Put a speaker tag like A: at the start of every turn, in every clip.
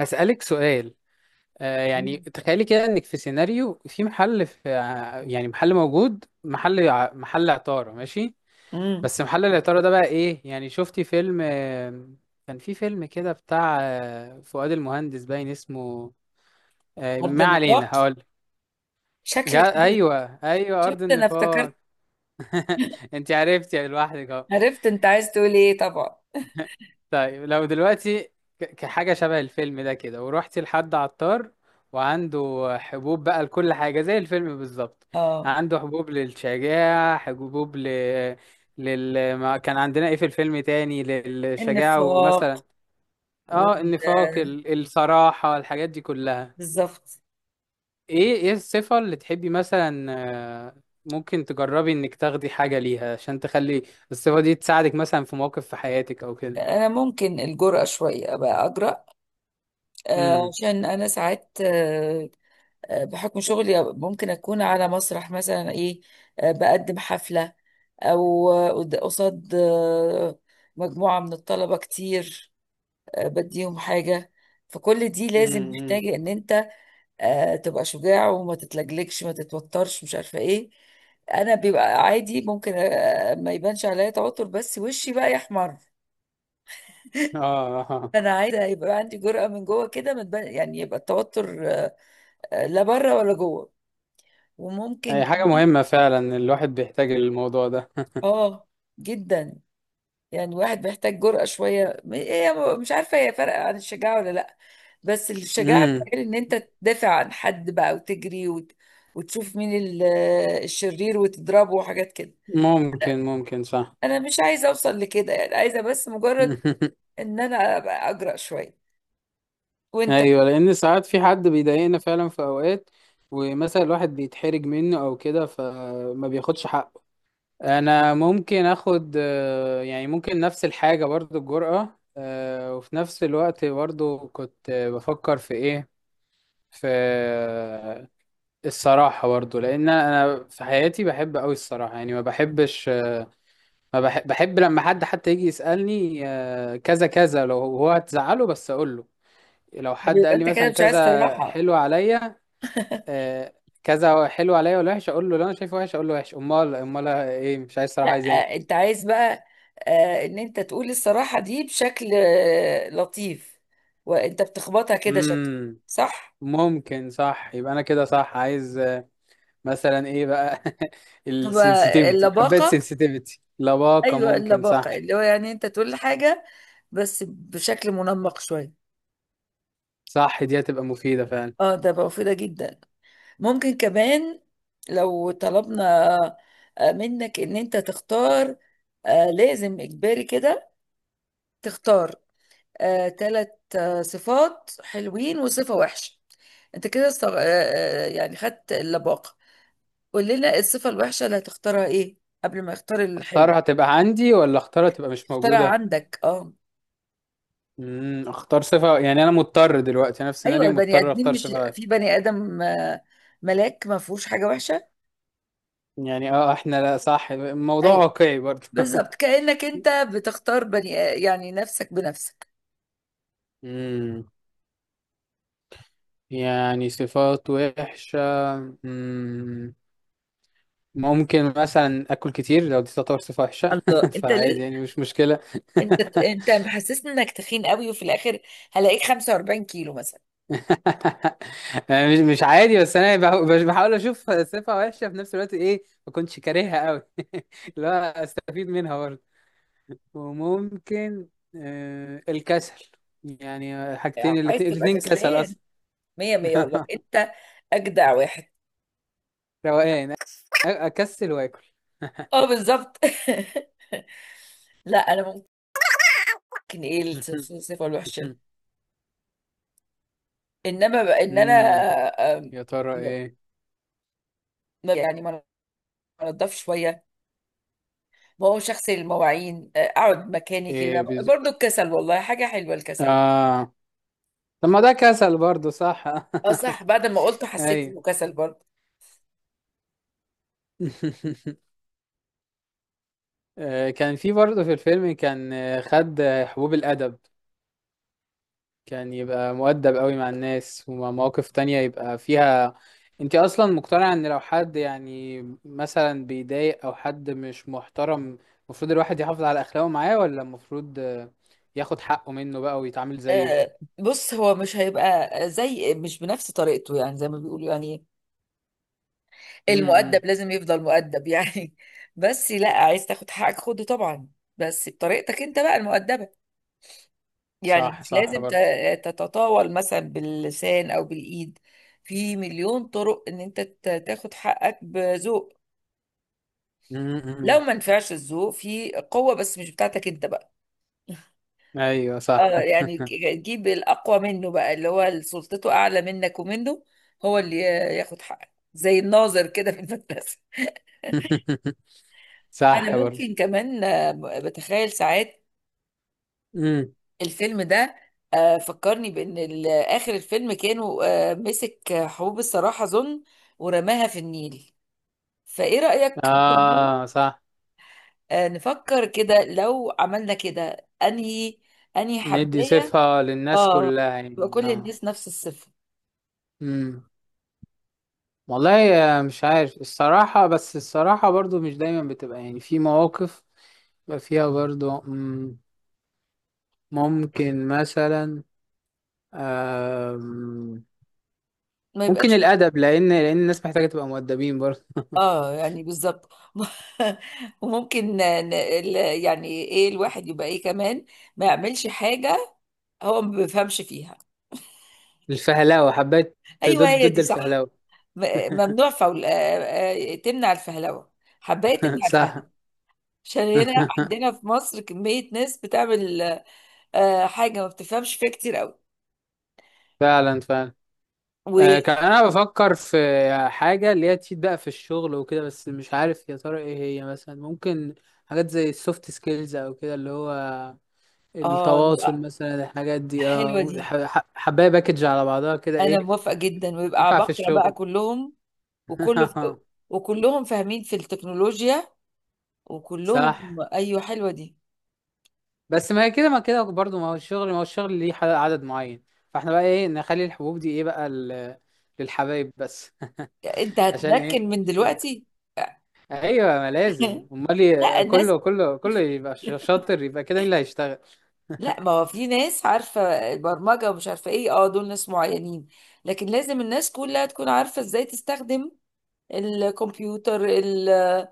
A: أسألك سؤال. يعني تخيلي كده إنك في سيناريو في محل، في يعني محل موجود، محل محل عطارة، ماشي؟
B: امم
A: بس محل العطارة ده بقى إيه؟ يعني شفتي فيلم كان في فيلم كده بتاع فؤاد المهندس، باين اسمه
B: عرض
A: ما علينا،
B: النطاق.
A: هقول
B: شكلك كده.
A: أيوه أيوه،
B: شفت،
A: أرض
B: انا
A: النفاق.
B: افتكرت.
A: أنت عرفتي لوحدك أهو.
B: عرفت انت عايز تقول ايه طبعا.
A: طيب، لو دلوقتي كحاجة شبه الفيلم ده كده، ورحتي لحد عطار وعنده حبوب بقى لكل حاجة زي الفيلم بالظبط،
B: اه،
A: عنده حبوب للشجاعة، حبوب ما كان عندنا ايه في الفيلم تاني، للشجاعة ومثلا
B: النفاق
A: اه
B: وال
A: النفاق الصراحة، الحاجات دي كلها،
B: بالظبط.
A: ايه الصفة اللي تحبي مثلا. آه، ممكن تجربي انك تاخدي حاجة ليها عشان تخلي الصفة دي تساعدك مثلا في مواقف في حياتك او كده.
B: انا ممكن الجرأة شوية ابقى اجرأ، عشان انا ساعات، بحكم شغلي ممكن اكون على مسرح مثلا، ايه، بقدم حفلة او آه، قد- قصاد آه، مجموعة من الطلبة كتير، بديهم حاجة. فكل دي لازم
A: امم.
B: محتاجة ان انت تبقى شجاع وما تتلجلجش، ما تتوترش، مش عارفه ايه. انا بيبقى عادي، ممكن ما يبانش عليا توتر، بس وشي بقى يحمر.
A: اه. آه.
B: انا عايزه يبقى عندي جرأة من جوه كده، ما تبان، يعني يبقى التوتر لا بره ولا جوه. وممكن
A: هي حاجة
B: كمان-
A: مهمة فعلا، الواحد بيحتاج الموضوع ده.
B: اه جدا. يعني واحد محتاج جرأة شويه. مش عارفه هي فرق عن الشجاعه ولا لا، بس الشجاعه
A: امم.
B: بتقول ان انت تدافع عن حد بقى وتجري وتشوف مين الشرير وتضربه وحاجات كده.
A: ممكن صح.
B: انا مش عايزه اوصل لكده، يعني عايزه بس مجرد ان انا ابقى اجرأ شويه. وانت؟ طب
A: ايوه، لان ساعات في حد بيضايقنا فعلا في اوقات، ومثلا الواحد بيتحرج منه او كده فما بياخدش حقه، فدي حاجة مهمة فعلا. انا ممكن اخد يعني ممكن نفس الحاجة برضو، الجرأة، وفي نفس الوقت برضو كنت بفكر في ايه، في الصراحة برضو، لأن أنا في حياتي بحب أوي الصراحة، يعني ما بحبش، ما بحب, بحب لما حد حتى يجي يسألني كذا كذا، لو هو هتزعله بس أقوله، لو حد
B: يبقى
A: قال لي
B: انت كده
A: مثلا
B: مش عايز
A: كذا
B: صراحه؟
A: حلو عليا آه، كذا حلو عليا ولا وحش، أقول له، لو أنا شايفه وحش أقول له وحش، أمال أمال إيه، مش عايز
B: لا،
A: صراحة، عايز إيه؟
B: انت عايز بقى ان انت تقول الصراحه دي بشكل لطيف، وانت بتخبطها كده شكل.
A: مم.
B: صح،
A: ممكن صح، يبقى أنا كده صح، عايز مثلا إيه بقى؟
B: تبقى
A: السنسيتيفيتي، حبيت
B: اللباقه.
A: سنسيتيفيتي، لباقة،
B: ايوه،
A: ممكن صح.
B: اللباقه، اللي هو يعني انت تقول حاجه بس بشكل منمق شويه.
A: صح، دي هتبقى مفيدة فعلا.
B: اه، ده بقى مفيده جدا. ممكن كمان لو طلبنا منك ان انت تختار، لازم اجباري كده، تختار ثلاث صفات حلوين وصفة وحشة. انت كده استغ... آه، آه، يعني خدت اللباقة. قول لنا الصفة الوحشة اللي هتختارها ايه قبل ما يختار الحلو.
A: اختارها تبقى عندي ولا اختارها تبقى مش
B: اختارها
A: موجودة؟
B: عندك، اه.
A: امم. اختار صفة، يعني انا مضطر دلوقتي، انا في
B: ايوه،
A: سيناريو
B: البني
A: مضطر
B: ادمين
A: اختار
B: مش
A: صفة،
B: في بني ادم ملاك ما فيهوش حاجة وحشة.
A: يعني اه احنا لا، صح، الموضوع
B: ايوه
A: واقعي برضه.
B: بالظبط، كأنك انت بتختار بني، يعني نفسك بنفسك.
A: امم. يعني صفات وحشة. امم. ممكن مثلا اكل كتير، لو دي تعتبر صفة وحشة.
B: الله،
A: فعادي يعني، مش مشكلة.
B: انت، محسسني انك تخين قوي، وفي الاخر هلاقيك 45 كيلو مثلا.
A: أنا مش عادي، بس انا بحاول اشوف صفة وحشة في نفس الوقت ايه ما كنتش كارهها قوي، لا استفيد منها. وممكن آه الكسل، يعني حاجتين
B: عايز تبقى
A: الاتنين كسل
B: كسلان؟
A: اصلا.
B: مية مية، والله انت اجدع واحد.
A: روقان اكسل واكل.
B: اه بالظبط. لا انا ممكن ايه الصفة الوحشة انما بقى، ان انا،
A: امم.
B: آم،
A: يا ترى
B: لا،
A: ايه؟
B: يعني ما، انضف شوية. ما هو شخص المواعين، اقعد مكاني كده،
A: ايه بز...
B: برضو الكسل. والله حاجة حلوة الكسل.
A: اه، طب ما ده كسل برضو صح.
B: اه صح، بعد ما قلته حسيت
A: ايوه.
B: انه كسل برضو.
A: كان في برضه في الفيلم، كان خد حبوب الأدب، كان يبقى مؤدب قوي مع الناس، ومواقف تانية يبقى فيها. انت اصلا مقتنعة ان لو حد يعني مثلا بيضايق او حد مش محترم، المفروض الواحد يحافظ على اخلاقه معاه ولا المفروض ياخد حقه منه بقى ويتعامل زيه؟
B: بص، هو مش هيبقى زي، مش بنفس طريقته، يعني زي ما بيقولوا، يعني
A: امم.
B: المؤدب لازم يفضل مؤدب يعني. بس لا، عايز تاخد حقك خده طبعا، بس بطريقتك انت بقى المؤدبة. يعني
A: صح
B: مش
A: صح
B: لازم
A: برضه.
B: تتطاول مثلا باللسان او بالايد. في مليون طرق ان انت تاخد حقك بذوق. لو
A: امم.
B: ما نفعش الذوق، في قوة بس مش بتاعتك انت بقى.
A: ايوه صح.
B: اه يعني، جيب الأقوى منه بقى، اللي هو سلطته أعلى منك ومنه، هو اللي ياخد حقك، زي الناظر كده في المدرسة.
A: صح
B: أنا
A: برضه.
B: ممكن كمان بتخيل ساعات
A: امم.
B: الفيلم ده فكرني بأن آخر الفيلم كانوا مسك حبوب الصراحة ظن ورماها في النيل. فإيه رأيك برضو
A: اه صح،
B: نفكر كده لو عملنا كده، أنهي
A: ندي
B: حباية؟
A: صفة للناس
B: اه،
A: كلها
B: تبقى
A: يعني
B: كل
A: اه.
B: الناس نفس الصفر.
A: امم. والله مش عارف الصراحة، بس الصراحة برضو مش دايما بتبقى، يعني في مواقف بيبقى فيها برضو ممكن مثلا آم،
B: ما
A: ممكن
B: يبقاش.
A: الأدب، لأن الناس محتاجة تبقى مؤدبين برضو.
B: اه يعني بالظبط. وممكن ن- ال- يعني ايه الواحد يبقى ايه كمان؟ ما يعملش حاجة هو ما بيفهمش فيها.
A: الفهلاوة، حبيت ضد
B: ايوه هي
A: ضد
B: دي، صح.
A: الفهلاوة.
B: ممنوع، فول تمنع الفهلوة، حباية تمنع
A: صح.
B: الفهلوة. عشان هنا عندنا في مصر كمية ناس بتعمل حاجة ما بتفهمش فيها كتير قوي.
A: فعلا فعلا.
B: و
A: كان أنا بفكر في حاجة اللي هي تفيد بقى في الشغل وكده، بس مش عارف يا ترى إيه هي، مثلا ممكن حاجات زي السوفت سكيلز أو كده، اللي هو
B: اه،
A: التواصل
B: نبقى
A: مثلا، الحاجات دي
B: حلوة
A: اه
B: دي.
A: حبايه باكج على بعضها كده،
B: انا
A: ايه
B: موافقة جدا، ويبقى
A: ينفع في
B: عباقرة بقى
A: الشغل.
B: كلهم، وكله، وكلهم فاهمين في التكنولوجيا، وكلهم.
A: صح،
B: ايوه حلوه دي.
A: بس ما هي كده، ما كده برضو، ما هو الشغل، ما هو الشغل ليه عدد معين، فاحنا بقى ايه، نخلي الحبوب دي ايه بقى للحبايب بس.
B: انت
A: عشان ايه؟
B: هتنكن من دلوقتي.
A: ايوه، ما لازم امال
B: لا الناس،
A: كله كله يبقى شاطر، يبقى كده مين اللي هيشتغل؟
B: لا، ما هو في ناس عارفه البرمجه ومش عارفه ايه، اه دول ناس معينين، لكن لازم الناس كلها تكون عارفه ازاي تستخدم الكمبيوتر،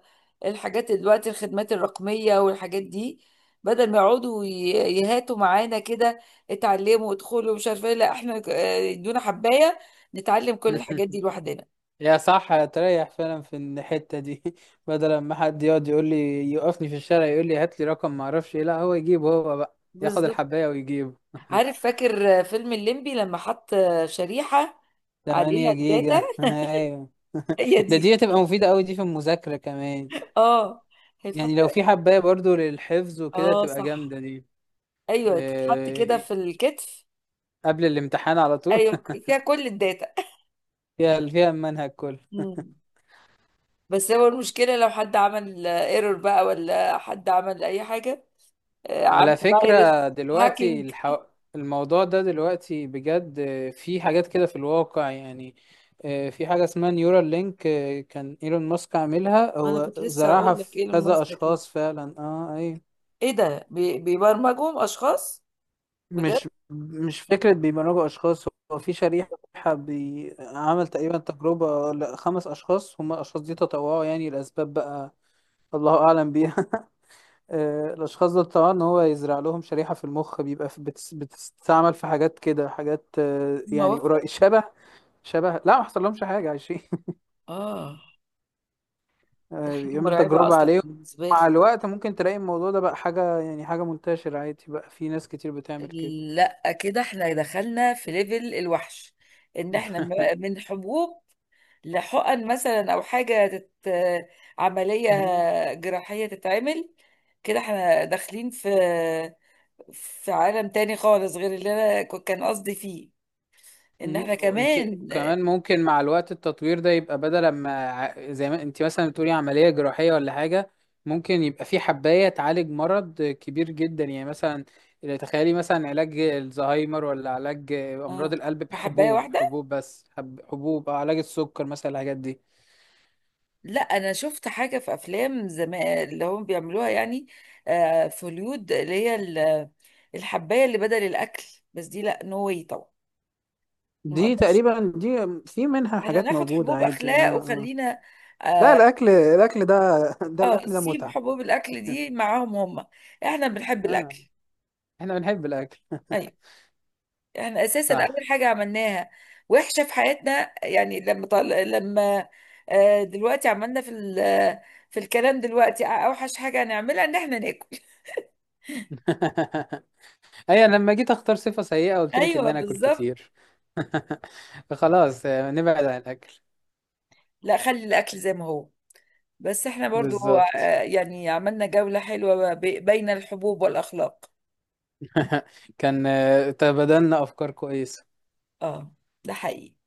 B: الحاجات دلوقتي، الخدمات الرقميه والحاجات دي. بدل ما يقعدوا يهاتوا معانا كده، اتعلموا ادخلوا مش عارفه ايه، لا احنا يدونا حبايه نتعلم كل الحاجات دي لوحدنا.
A: يا صح، هتريح فعلا في الحتة دي. بدل ما حد يقعد يقول لي، يوقفني في الشارع يقول لي هات لي رقم ما اعرفش ايه، لا هو يجيبه هو بقى، ياخد
B: بالظبط.
A: الحباية ويجيبه.
B: عارف فاكر فيلم الليمبي لما حط شريحة عليها
A: 8
B: الداتا؟
A: جيجا ايوه.
B: هي
A: ده
B: دي.
A: دي هتبقى مفيدة قوي، دي في المذاكرة كمان،
B: اه، هي تحط.
A: يعني لو في حباية برضو للحفظ وكده
B: اه
A: تبقى
B: صح.
A: جامدة دي،
B: ايوه تتحط كده
A: آه،
B: في الكتف.
A: قبل الامتحان على طول.
B: ايوه فيها كل الداتا.
A: فيها المنهج كله.
B: مم. بس هو المشكلة لو حد عمل ايرور بقى، ولا حد عمل اي حاجة عمل
A: على
B: فيروس،
A: فكرة دلوقتي
B: هاكينج.
A: الموضوع ده دلوقتي بجد، في حاجات كده في الواقع يعني، في حاجة اسمها نيورال لينك، كان ايلون ماسك عاملها،
B: انا
A: هو
B: كنت لسه
A: زرعها
B: هقول لك
A: في
B: ايلون
A: كذا
B: ماسك دي.
A: اشخاص فعلا، اه اي
B: ايه ده، بيبرمجهم اشخاص؟ بجد؟
A: مش فكرة بيبرمجوا اشخاص، هو في شريحة، عمل تقريبا تجربة لخمس اشخاص، هم الاشخاص دي تطوعوا يعني لاسباب بقى الله اعلم بيها. الأشخاص دول طبعا إن هو يزرع لهم شريحة في المخ، بيبقى في بتس بتستعمل في حاجات كده، حاجات
B: هم
A: يعني قريب
B: وافقوا؟
A: شبه لا، ما حصل لهمش حاجة، عايشين.
B: اه، حاجة
A: بيعمل
B: مرعبة
A: تجربة
B: اصلا
A: عليهم،
B: بالنسبة لي.
A: مع الوقت ممكن تلاقي الموضوع ده بقى حاجة، يعني حاجة منتشرة عادي بقى، في ناس كتير بتعمل كده.
B: لا كده احنا دخلنا في ليفل الوحش، ان احنا من حبوب لحقن مثلا، او حاجة تت... عملية جراحية تتعمل. كده احنا داخلين في في عالم تاني خالص غير اللي انا كان قصدي فيه، ان
A: مم.
B: احنا
A: وانت
B: كمان.
A: كمان، ممكن مع الوقت التطوير ده يبقى، بدل ما زي ما انت مثلا بتقولي عملية جراحية ولا حاجة، ممكن يبقى في حباية تعالج مرض كبير جدا، يعني مثلا تخيلي مثلا علاج الزهايمر ولا علاج أمراض
B: اه،
A: القلب
B: بحباية
A: بحبوب،
B: واحدة.
A: حبوب بس، حبوب، أو علاج السكر مثلا، الحاجات دي
B: لا انا شفت حاجة في افلام زمان اللي هم بيعملوها يعني في هوليود، اللي هي الحباية اللي بدل الاكل. بس دي لا، نو واي طبعا، ما
A: دي
B: اقدرش.
A: تقريبا دي، في منها
B: احنا
A: حاجات
B: ناخد
A: موجودة
B: حبوب
A: عادي اه
B: اخلاق
A: اه.
B: وخلينا.
A: لا،
B: اه.
A: الأكل، ده الأكل ده
B: سيب
A: متعة.
B: حبوب الاكل دي معاهم هم، احنا بنحب
A: آه.
B: الاكل.
A: احنا بنحب الأكل.
B: ايوه، احنا اساسا اول
A: صح.
B: حاجه عملناها وحشه في حياتنا يعني لما آه، دلوقتي عملنا في في الكلام دلوقتي، اوحش حاجه هنعملها ان احنا ناكل.
A: اي انا لما جيت اختار صفة سيئة قلت لك ان
B: ايوه
A: انا اكل
B: بالظبط.
A: كتير. فخلاص نبعد عن الاكل
B: لا خلي الاكل زي ما هو، بس احنا برضو
A: بالظبط.
B: آه يعني عملنا جوله حلوه بين الحبوب والاخلاق.
A: كان تبادلنا افكار كويسة.
B: اه، ده حقيقي.